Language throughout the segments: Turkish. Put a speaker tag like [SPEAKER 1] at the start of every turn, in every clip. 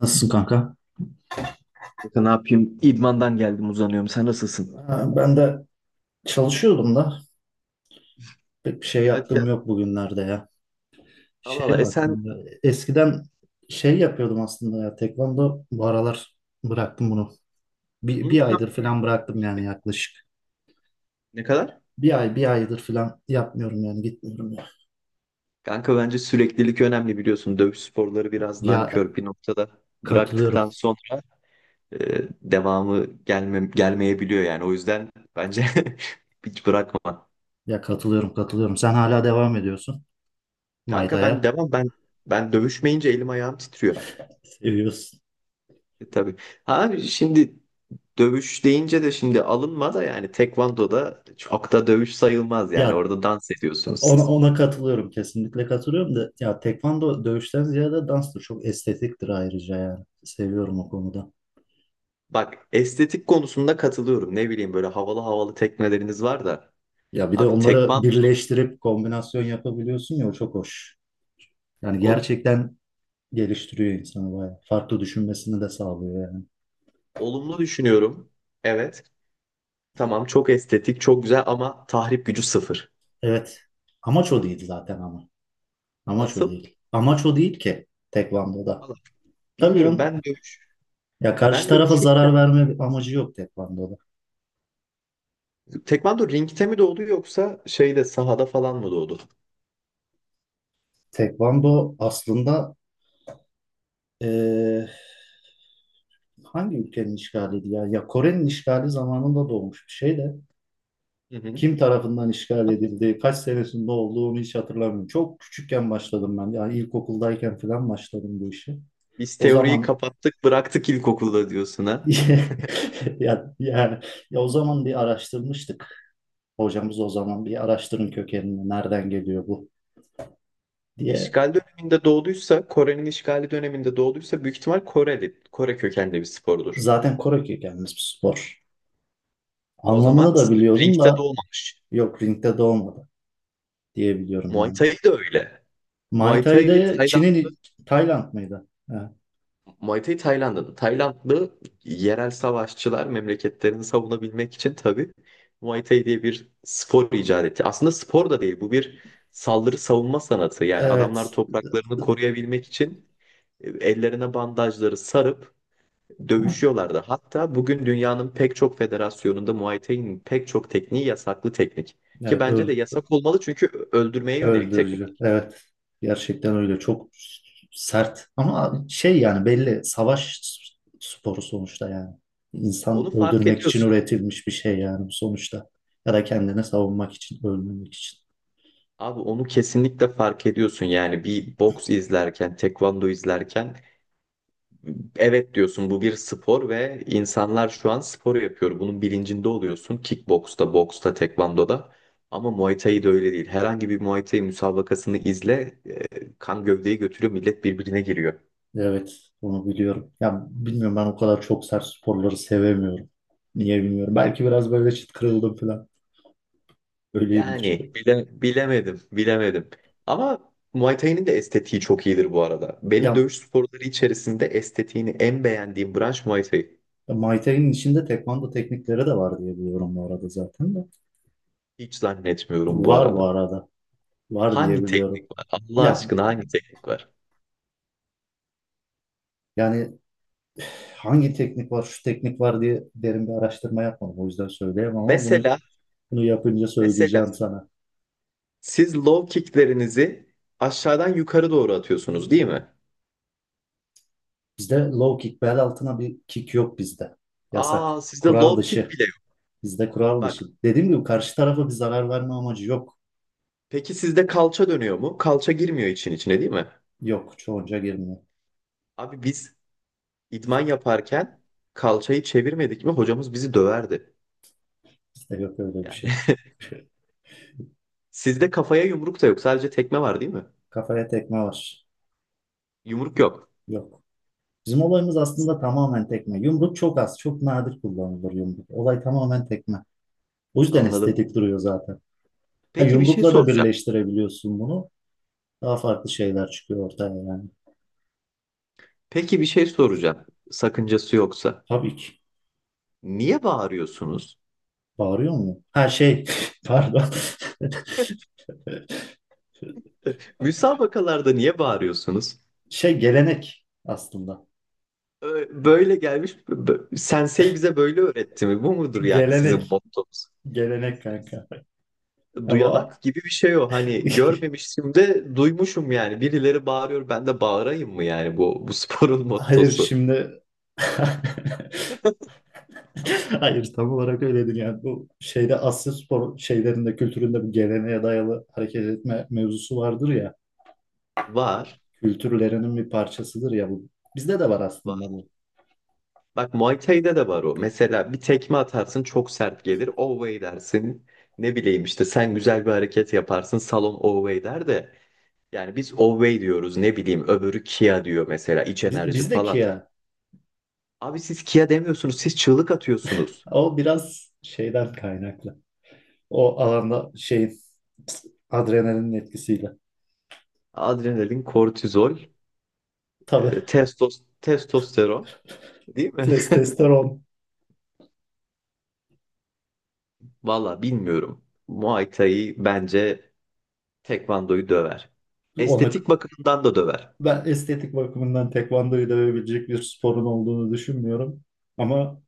[SPEAKER 1] Nasılsın kanka?
[SPEAKER 2] Kanka ne yapayım? İdmandan geldim, uzanıyorum. Sen nasılsın?
[SPEAKER 1] Ha, ben de çalışıyordum da pek bir şey
[SPEAKER 2] Hadi
[SPEAKER 1] yaptığım
[SPEAKER 2] ya.
[SPEAKER 1] yok bugünlerde ya.
[SPEAKER 2] Allah Allah.
[SPEAKER 1] Şeye
[SPEAKER 2] E
[SPEAKER 1] bak,
[SPEAKER 2] sen.
[SPEAKER 1] eskiden şey yapıyordum aslında ya, tekvando. Bu aralar bıraktım bunu.
[SPEAKER 2] Hı,
[SPEAKER 1] Bir
[SPEAKER 2] tamam.
[SPEAKER 1] aydır falan bıraktım yani, yaklaşık.
[SPEAKER 2] Ne kadar?
[SPEAKER 1] Bir aydır falan yapmıyorum yani, gitmiyorum ya.
[SPEAKER 2] Kanka bence süreklilik önemli, biliyorsun. Dövüş sporları biraz
[SPEAKER 1] Ya
[SPEAKER 2] nankör bir noktada.
[SPEAKER 1] katılıyorum.
[SPEAKER 2] Bıraktıktan sonra devamı gelmeyebiliyor yani. O yüzden bence hiç bırakma.
[SPEAKER 1] Ya katılıyorum. Sen hala devam ediyorsun.
[SPEAKER 2] Kanka ben
[SPEAKER 1] Maytaya
[SPEAKER 2] devam ben ben dövüşmeyince elim ayağım titriyor.
[SPEAKER 1] seviyorsun.
[SPEAKER 2] E, tabii. Ha şimdi dövüş deyince de şimdi alınma da, yani tekvandoda çok da dövüş sayılmaz yani.
[SPEAKER 1] Ya
[SPEAKER 2] Orada dans ediyorsunuz
[SPEAKER 1] Ona,
[SPEAKER 2] siz.
[SPEAKER 1] ona katılıyorum, kesinlikle katılıyorum da, ya tekvando dövüşten ziyade danstır, çok estetiktir ayrıca, yani seviyorum o konuda.
[SPEAKER 2] Bak, estetik konusunda katılıyorum. Ne bileyim, böyle havalı havalı tekneleriniz var da.
[SPEAKER 1] Ya bir de
[SPEAKER 2] Abi
[SPEAKER 1] onları
[SPEAKER 2] tekman
[SPEAKER 1] birleştirip kombinasyon yapabiliyorsun ya, o çok hoş. Yani
[SPEAKER 2] oğlum,
[SPEAKER 1] gerçekten geliştiriyor insanı bayağı. Farklı düşünmesini de sağlıyor yani.
[SPEAKER 2] olumlu düşünüyorum. Evet. Tamam, çok estetik, çok güzel ama tahrip gücü sıfır.
[SPEAKER 1] Evet, amaç o değil zaten ama. Amaç o
[SPEAKER 2] Nasıl?
[SPEAKER 1] değil. Amaç o değil ki tekvandoda.
[SPEAKER 2] Valla
[SPEAKER 1] Tabii
[SPEAKER 2] bilmiyorum,
[SPEAKER 1] canım,
[SPEAKER 2] ben dövüş.
[SPEAKER 1] ya karşı
[SPEAKER 2] Ben
[SPEAKER 1] tarafa
[SPEAKER 2] dövüşürken
[SPEAKER 1] zarar verme amacı yok tekvandoda.
[SPEAKER 2] tekvando ringte mi doğdu, yoksa şeyde sahada falan mı doğdu?
[SPEAKER 1] Tekvando aslında eee hangi ülkenin işgaliydi ya? Ya Kore'nin işgali zamanında doğmuş bir şey de,
[SPEAKER 2] Hı hı.
[SPEAKER 1] kim tarafından işgal edildi, kaç senesinde olduğu onu hiç hatırlamıyorum. Çok küçükken başladım ben. Yani ilkokuldayken falan başladım bu işe.
[SPEAKER 2] Biz
[SPEAKER 1] O
[SPEAKER 2] teoriyi
[SPEAKER 1] zaman
[SPEAKER 2] kapattık bıraktık ilkokulda diyorsun ha.
[SPEAKER 1] ya, yani, ya o zaman bir araştırmıştık. Hocamız o zaman, bir araştırın kökenini, nereden geliyor bu, diye.
[SPEAKER 2] İşgal döneminde doğduysa, Kore'nin işgali döneminde doğduysa büyük ihtimal Koreli, Kore kökenli bir spordur.
[SPEAKER 1] Zaten Kore kökenli bir spor.
[SPEAKER 2] O
[SPEAKER 1] Anlamını
[SPEAKER 2] zaman
[SPEAKER 1] da biliyordum
[SPEAKER 2] ringte de
[SPEAKER 1] da,
[SPEAKER 2] olmamış.
[SPEAKER 1] yok, ringde doğmadı diye biliyorum
[SPEAKER 2] Muay
[SPEAKER 1] yani.
[SPEAKER 2] Thai de öyle.
[SPEAKER 1] Muay
[SPEAKER 2] Muay Thai
[SPEAKER 1] Thai'de
[SPEAKER 2] Tayland,
[SPEAKER 1] Çin'in, Tayland mıydı? Ha.
[SPEAKER 2] Muay Thai Tayland'ın. Taylandlı yerel savaşçılar memleketlerini savunabilmek için tabii Muay Thai diye bir spor icat etti. Aslında spor da değil bu, bir saldırı savunma sanatı. Yani adamlar
[SPEAKER 1] Evet.
[SPEAKER 2] topraklarını koruyabilmek için ellerine bandajları sarıp dövüşüyorlardı. Hatta bugün dünyanın pek çok federasyonunda Muay Thai'nin pek çok tekniği yasaklı teknik. Ki
[SPEAKER 1] Evet,
[SPEAKER 2] bence de yasak olmalı, çünkü öldürmeye yönelik
[SPEAKER 1] öldürücü.
[SPEAKER 2] teknik.
[SPEAKER 1] Evet. Gerçekten öyle. Çok sert. Ama şey, yani belli savaş sporu sonuçta yani. İnsan
[SPEAKER 2] Onu fark
[SPEAKER 1] öldürmek için
[SPEAKER 2] ediyorsun.
[SPEAKER 1] üretilmiş bir şey yani sonuçta. Ya da kendini savunmak için, ölmemek için.
[SPEAKER 2] Abi onu kesinlikle fark ediyorsun. Yani bir boks izlerken, tekvando izlerken evet diyorsun, bu bir spor ve insanlar şu an spor yapıyor. Bunun bilincinde oluyorsun. Kickboksta, boksta, tekvandoda. Ama Muay Thai de öyle değil. Herhangi bir Muay Thai müsabakasını izle, kan gövdeyi götürüyor, millet birbirine giriyor.
[SPEAKER 1] Evet, onu biliyorum. Ya bilmiyorum, ben o kadar çok sert sporları sevemiyorum. Niye bilmiyorum. Belki biraz böyle çıt kırıldım falan. Öyleyimdir.
[SPEAKER 2] Yani bilemedim, bilemedim. Ama Muay Thai'nin de estetiği çok iyidir bu arada. Benim
[SPEAKER 1] Ya
[SPEAKER 2] dövüş sporları içerisinde estetiğini en beğendiğim branş Muay Thai.
[SPEAKER 1] ya, Muay Thai'nin içinde tekvando teknikleri de var diye biliyorum bu arada zaten de.
[SPEAKER 2] Hiç zannetmiyorum bu
[SPEAKER 1] Var bu
[SPEAKER 2] arada.
[SPEAKER 1] arada. Var diye
[SPEAKER 2] Hangi teknik
[SPEAKER 1] biliyorum.
[SPEAKER 2] var? Allah
[SPEAKER 1] Ya
[SPEAKER 2] aşkına hangi teknik var?
[SPEAKER 1] yani, hangi teknik var, şu teknik var diye derin bir araştırma yapmadım. O yüzden söyleyemem ama bunu
[SPEAKER 2] Mesela,
[SPEAKER 1] bunu yapınca
[SPEAKER 2] mesela
[SPEAKER 1] söyleyeceğim sana.
[SPEAKER 2] siz low kicklerinizi aşağıdan yukarı doğru atıyorsunuz, değil mi?
[SPEAKER 1] Bizde low kick, bel altına bir kick yok bizde.
[SPEAKER 2] Aa,
[SPEAKER 1] Yasak.
[SPEAKER 2] sizde
[SPEAKER 1] Kural
[SPEAKER 2] low kick
[SPEAKER 1] dışı.
[SPEAKER 2] bile yok.
[SPEAKER 1] Bizde kural dışı.
[SPEAKER 2] Bak,
[SPEAKER 1] Dediğim gibi karşı tarafa bir zarar verme amacı yok.
[SPEAKER 2] peki sizde kalça dönüyor mu? Kalça girmiyor için içine, değil mi?
[SPEAKER 1] Yok. Çoğunca girmiyor.
[SPEAKER 2] Abi biz idman yaparken kalçayı çevirmedik mi hocamız bizi döverdi.
[SPEAKER 1] Bizde yok öyle bir
[SPEAKER 2] Yani
[SPEAKER 1] şey.
[SPEAKER 2] sizde kafaya yumruk da yok. Sadece tekme var, değil mi?
[SPEAKER 1] Kafaya tekme var.
[SPEAKER 2] Yumruk yok.
[SPEAKER 1] Yok. Bizim olayımız aslında tamamen tekme. Yumruk çok az, çok nadir kullanılır yumruk. Olay tamamen tekme. O yüzden
[SPEAKER 2] Anladım.
[SPEAKER 1] estetik duruyor zaten. Ha,
[SPEAKER 2] Peki bir şey
[SPEAKER 1] yumrukla da
[SPEAKER 2] soracağım.
[SPEAKER 1] birleştirebiliyorsun bunu. Daha farklı şeyler çıkıyor ortaya yani.
[SPEAKER 2] Peki bir şey soracağım. Sakıncası yoksa.
[SPEAKER 1] Tabii ki.
[SPEAKER 2] Niye bağırıyorsunuz?
[SPEAKER 1] Bağırıyor mu? Her şey, pardon.
[SPEAKER 2] Müsabakalarda niye bağırıyorsunuz?
[SPEAKER 1] Şey, gelenek aslında.
[SPEAKER 2] Böyle gelmiş, sensei bize böyle öğretti mi? Bu mudur yani sizin
[SPEAKER 1] Gelenek.
[SPEAKER 2] mottonuz?
[SPEAKER 1] Gelenek kanka. Ya bu
[SPEAKER 2] Duyanak gibi bir şey o. Hani görmemiştim de duymuşum yani. Birileri bağırıyor, ben de bağırayım mı yani bu, bu sporun
[SPEAKER 1] hayır
[SPEAKER 2] mottosu.
[SPEAKER 1] şimdi hayır, tam olarak öyle değil yani. Bu şeyde, Asya spor şeylerinde, kültüründe bu geleneğe dayalı hareket etme mevzusu vardır ya,
[SPEAKER 2] Var,
[SPEAKER 1] kültürlerinin bir parçasıdır ya bu, bizde de var
[SPEAKER 2] var.
[SPEAKER 1] aslında bu.
[SPEAKER 2] Bak, Muay Thai'de de var o. Mesela bir tekme atarsın, çok sert gelir. Away dersin. Ne bileyim işte sen güzel bir hareket yaparsın, salon away der de. Yani biz Owey diyoruz, ne bileyim öbürü Kia diyor mesela, iç enerji
[SPEAKER 1] Bizdeki
[SPEAKER 2] falan.
[SPEAKER 1] ya,
[SPEAKER 2] Abi siz Kia demiyorsunuz, siz çığlık atıyorsunuz.
[SPEAKER 1] o biraz şeyden kaynaklı, o alanda şeyin, adrenalinin etkisiyle,
[SPEAKER 2] Adrenalin, kortizol,
[SPEAKER 1] tabii,
[SPEAKER 2] testosteron, değil mi?
[SPEAKER 1] testosteron.
[SPEAKER 2] Valla bilmiyorum. Muay Thai bence Tekvando'yu döver.
[SPEAKER 1] Ona,
[SPEAKER 2] Estetik bakımından da döver.
[SPEAKER 1] ben estetik bakımından tekvandoyu dövebilecek bir sporun olduğunu düşünmüyorum ama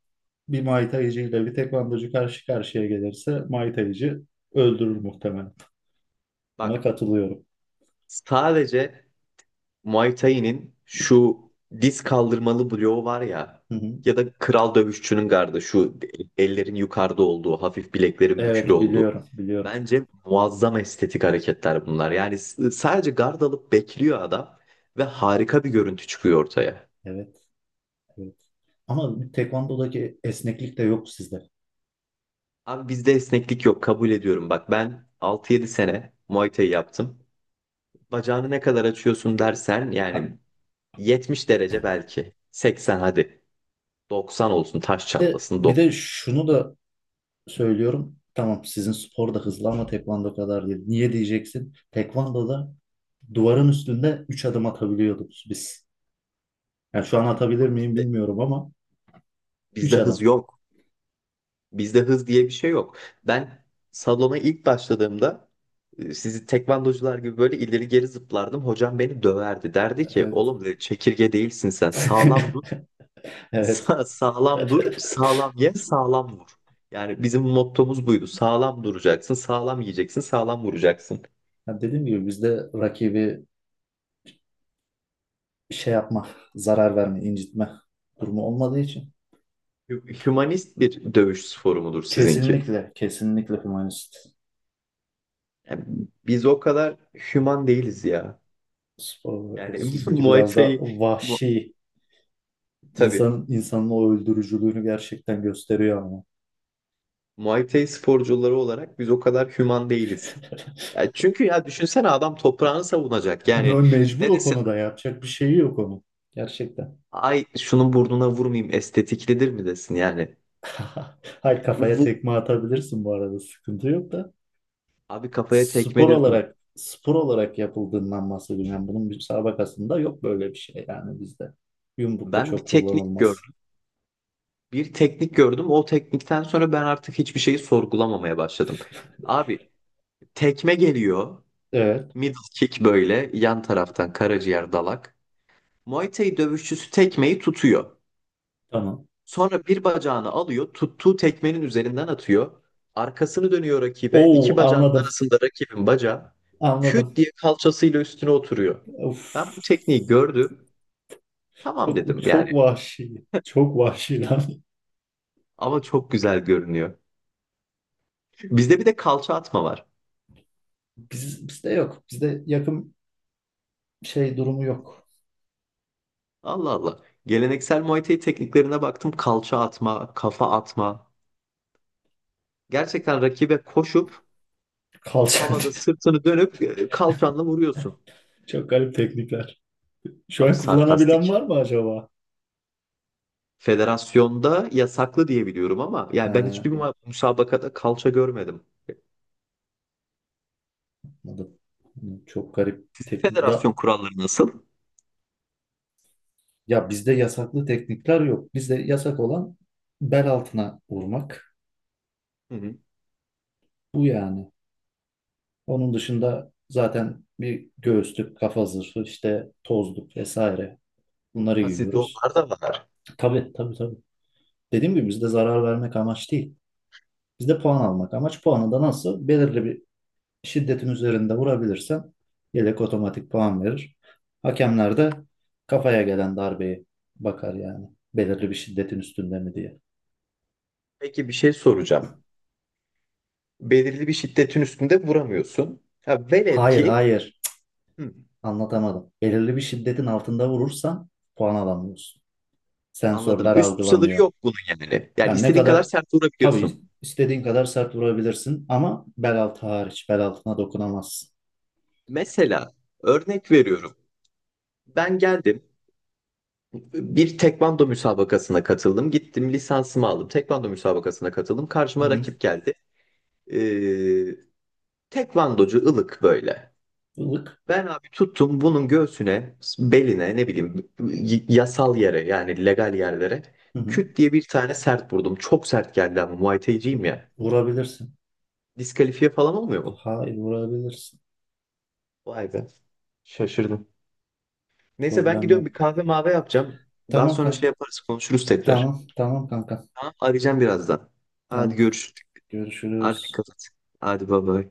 [SPEAKER 1] bir Muay Thai'cı ile bir tekvandocu karşı karşıya gelirse Muay Thai'cı öldürür muhtemelen. Buna
[SPEAKER 2] Bak,
[SPEAKER 1] katılıyorum.
[SPEAKER 2] sadece Muay Thai'nin şu diz kaldırmalı bloğu var ya,
[SPEAKER 1] Hı hı.
[SPEAKER 2] ya da kral dövüşçünün gardı, şu ellerin yukarıda olduğu, hafif bileklerin bükülü
[SPEAKER 1] Evet,
[SPEAKER 2] olduğu.
[SPEAKER 1] biliyorum biliyorum.
[SPEAKER 2] Bence muazzam estetik hareketler bunlar. Yani sadece gard alıp bekliyor adam ve harika bir görüntü çıkıyor ortaya.
[SPEAKER 1] Evet, evet. Ama tekvandodaki esneklik de yok sizde.
[SPEAKER 2] Abi bizde esneklik yok, kabul ediyorum. Bak, ben 6-7 sene Muay Thai yaptım. Bacağını ne kadar açıyorsun dersen yani 70 derece belki. 80 hadi. 90 olsun taş
[SPEAKER 1] Bir de,
[SPEAKER 2] çatlasın.
[SPEAKER 1] bir
[SPEAKER 2] 90.
[SPEAKER 1] de şunu da söylüyorum. Tamam, sizin spor da hızlı ama tekvando kadar değil. Niye diyeceksin? Tekvandoda duvarın üstünde 3 adım atabiliyorduk biz. Yani şu an atabilir miyim
[SPEAKER 2] Bizde,
[SPEAKER 1] bilmiyorum ama 3
[SPEAKER 2] bizde hız
[SPEAKER 1] adım.
[SPEAKER 2] yok. Bizde hız diye bir şey yok. Ben salona ilk başladığımda sizi tekvandocular gibi böyle ileri geri zıplardım. Hocam beni döverdi. Derdi ki,
[SPEAKER 1] Evet.
[SPEAKER 2] oğlum dedi, çekirge değilsin sen. Sağlam dur.
[SPEAKER 1] Evet.
[SPEAKER 2] Sağlam dur. Sağlam ye. Sağlam vur. Yani bizim mottomuz buydu. Sağlam duracaksın. Sağlam yiyeceksin. Sağlam vuracaksın.
[SPEAKER 1] Ya dediğim gibi, bizde rakibi şey yapma, zarar verme, incitme durumu olmadığı için
[SPEAKER 2] Hümanist bir dövüş sporu mudur sizinki?
[SPEAKER 1] kesinlikle, kesinlikle humanist
[SPEAKER 2] Yani biz o kadar hüman değiliz ya.
[SPEAKER 1] spor olarak. Evet,
[SPEAKER 2] Yani
[SPEAKER 1] sizinki
[SPEAKER 2] Muay
[SPEAKER 1] biraz da
[SPEAKER 2] Thai mu-
[SPEAKER 1] vahşi,
[SPEAKER 2] tabii.
[SPEAKER 1] insan insanın o öldürücülüğünü gerçekten gösteriyor ama.
[SPEAKER 2] Muay Thai sporcuları olarak biz o kadar hüman değiliz. Ya çünkü ya düşünsene, adam toprağını savunacak. Yani
[SPEAKER 1] Mecbur,
[SPEAKER 2] ne
[SPEAKER 1] o
[SPEAKER 2] desin?
[SPEAKER 1] konuda yapacak bir şeyi yok onun. Gerçekten.
[SPEAKER 2] Ay şunun burnuna vurmayayım estetiklidir mi desin yani?
[SPEAKER 1] Hayır, kafaya
[SPEAKER 2] Vur.
[SPEAKER 1] tekme atabilirsin bu arada, sıkıntı yok da.
[SPEAKER 2] Abi kafaya tekme diyorsun.
[SPEAKER 1] Spor olarak yapıldığından bahsediyorum. Yani bunun müsabakasında yok böyle bir şey yani bizde. Yumruk da
[SPEAKER 2] Ben bir
[SPEAKER 1] çok
[SPEAKER 2] teknik
[SPEAKER 1] kullanılmaz.
[SPEAKER 2] gördüm. Bir teknik gördüm. O teknikten sonra ben artık hiçbir şeyi sorgulamamaya başladım. Abi tekme geliyor.
[SPEAKER 1] Evet,
[SPEAKER 2] Middle kick böyle yan taraftan karaciğer dalak. Muay Thai dövüşçüsü tekmeyi tutuyor.
[SPEAKER 1] tamam.
[SPEAKER 2] Sonra bir bacağını alıyor, tuttuğu tekmenin üzerinden atıyor. Arkasını dönüyor rakibe. İki
[SPEAKER 1] Oo,
[SPEAKER 2] bacağının
[SPEAKER 1] anladım.
[SPEAKER 2] arasında rakibin bacağı, küt
[SPEAKER 1] Anladım.
[SPEAKER 2] diye kalçasıyla üstüne oturuyor.
[SPEAKER 1] Uf,
[SPEAKER 2] Ben bu tekniği gördüm. Tamam
[SPEAKER 1] çok
[SPEAKER 2] dedim yani.
[SPEAKER 1] çok vahşi. Çok vahşi lan.
[SPEAKER 2] Ama çok güzel görünüyor. Bizde bir de kalça atma var.
[SPEAKER 1] Bizde yok. Bizde yakın şey durumu yok.
[SPEAKER 2] Allah Allah. Geleneksel Muay Thai tekniklerine baktım. Kalça atma, kafa atma. Gerçekten rakibe koşup
[SPEAKER 1] Kalça.
[SPEAKER 2] havada sırtını dönüp kalçanla vuruyorsun.
[SPEAKER 1] Çok garip teknikler. Şu
[SPEAKER 2] Abi
[SPEAKER 1] an kullanabilen
[SPEAKER 2] sarkastik.
[SPEAKER 1] var mı acaba?
[SPEAKER 2] Federasyonda yasaklı diye biliyorum, ama yani ben
[SPEAKER 1] Ha,
[SPEAKER 2] hiçbir müsabakada kalça görmedim.
[SPEAKER 1] anladım. Çok garip teknik.
[SPEAKER 2] Federasyon kuralları nasıl?
[SPEAKER 1] Ya bizde yasaklı teknikler yok. Bizde yasak olan bel altına vurmak.
[SPEAKER 2] Hı hı.
[SPEAKER 1] Bu yani. Onun dışında zaten bir göğüslük, kafa zırhı, işte tozluk vesaire. Bunları
[SPEAKER 2] Ha, sizde
[SPEAKER 1] giyiyoruz.
[SPEAKER 2] onlar da var.
[SPEAKER 1] Tabii, tabii, tabii. Dediğim gibi bizde zarar vermek amaç değil. Bizde puan almak amaç. Puanı da nasıl? Belirli bir şiddetin üzerinde vurabilirsen yelek otomatik puan verir. Hakemler de kafaya gelen darbeye bakar yani. Belirli bir şiddetin üstünde mi diye.
[SPEAKER 2] Peki bir şey soracağım. Belirli bir şiddetin üstünde vuramıyorsun. Ha, velev
[SPEAKER 1] Hayır,
[SPEAKER 2] ki
[SPEAKER 1] hayır.
[SPEAKER 2] hı,
[SPEAKER 1] Anlatamadım. Belirli bir şiddetin altında vurursan puan alamıyorsun.
[SPEAKER 2] anladım.
[SPEAKER 1] Sensörler
[SPEAKER 2] Üst sınırı
[SPEAKER 1] algılamıyor.
[SPEAKER 2] yok bunun yani. Yani
[SPEAKER 1] Yani ne
[SPEAKER 2] istediğin kadar
[SPEAKER 1] kadar,
[SPEAKER 2] sert vurabiliyorsun.
[SPEAKER 1] tabii istediğin kadar sert vurabilirsin ama bel altı hariç, bel altına dokunamazsın.
[SPEAKER 2] Mesela örnek veriyorum. Ben geldim, bir tekvando müsabakasına katıldım. Gittim lisansımı aldım. Tekvando müsabakasına katıldım.
[SPEAKER 1] Hı
[SPEAKER 2] Karşıma
[SPEAKER 1] hı.
[SPEAKER 2] rakip geldi. Ee, Tekvandocu ılık böyle.
[SPEAKER 1] Ilık.
[SPEAKER 2] Ben abi tuttum bunun göğsüne, beline, ne bileyim yasal yere, yani legal yerlere
[SPEAKER 1] Hı hı.
[SPEAKER 2] küt diye bir tane sert vurdum. Çok sert geldi ama Muay Thai'ciyim ya.
[SPEAKER 1] Vurabilirsin.
[SPEAKER 2] Diskalifiye falan olmuyor mu?
[SPEAKER 1] Hayır, vurabilirsin.
[SPEAKER 2] Vay be. Şaşırdım. Neyse ben
[SPEAKER 1] Problem
[SPEAKER 2] gidiyorum, bir
[SPEAKER 1] yok.
[SPEAKER 2] kahve mavi yapacağım. Daha
[SPEAKER 1] Tamam
[SPEAKER 2] sonra
[SPEAKER 1] kan.
[SPEAKER 2] şey yaparız, konuşuruz tekrar.
[SPEAKER 1] Tamam, tamam kanka.
[SPEAKER 2] Tamam, arayacağım birazdan. Hadi
[SPEAKER 1] Tamam.
[SPEAKER 2] görüşürüz. Hadi
[SPEAKER 1] Görüşürüz.
[SPEAKER 2] dikkat et. Hadi baba.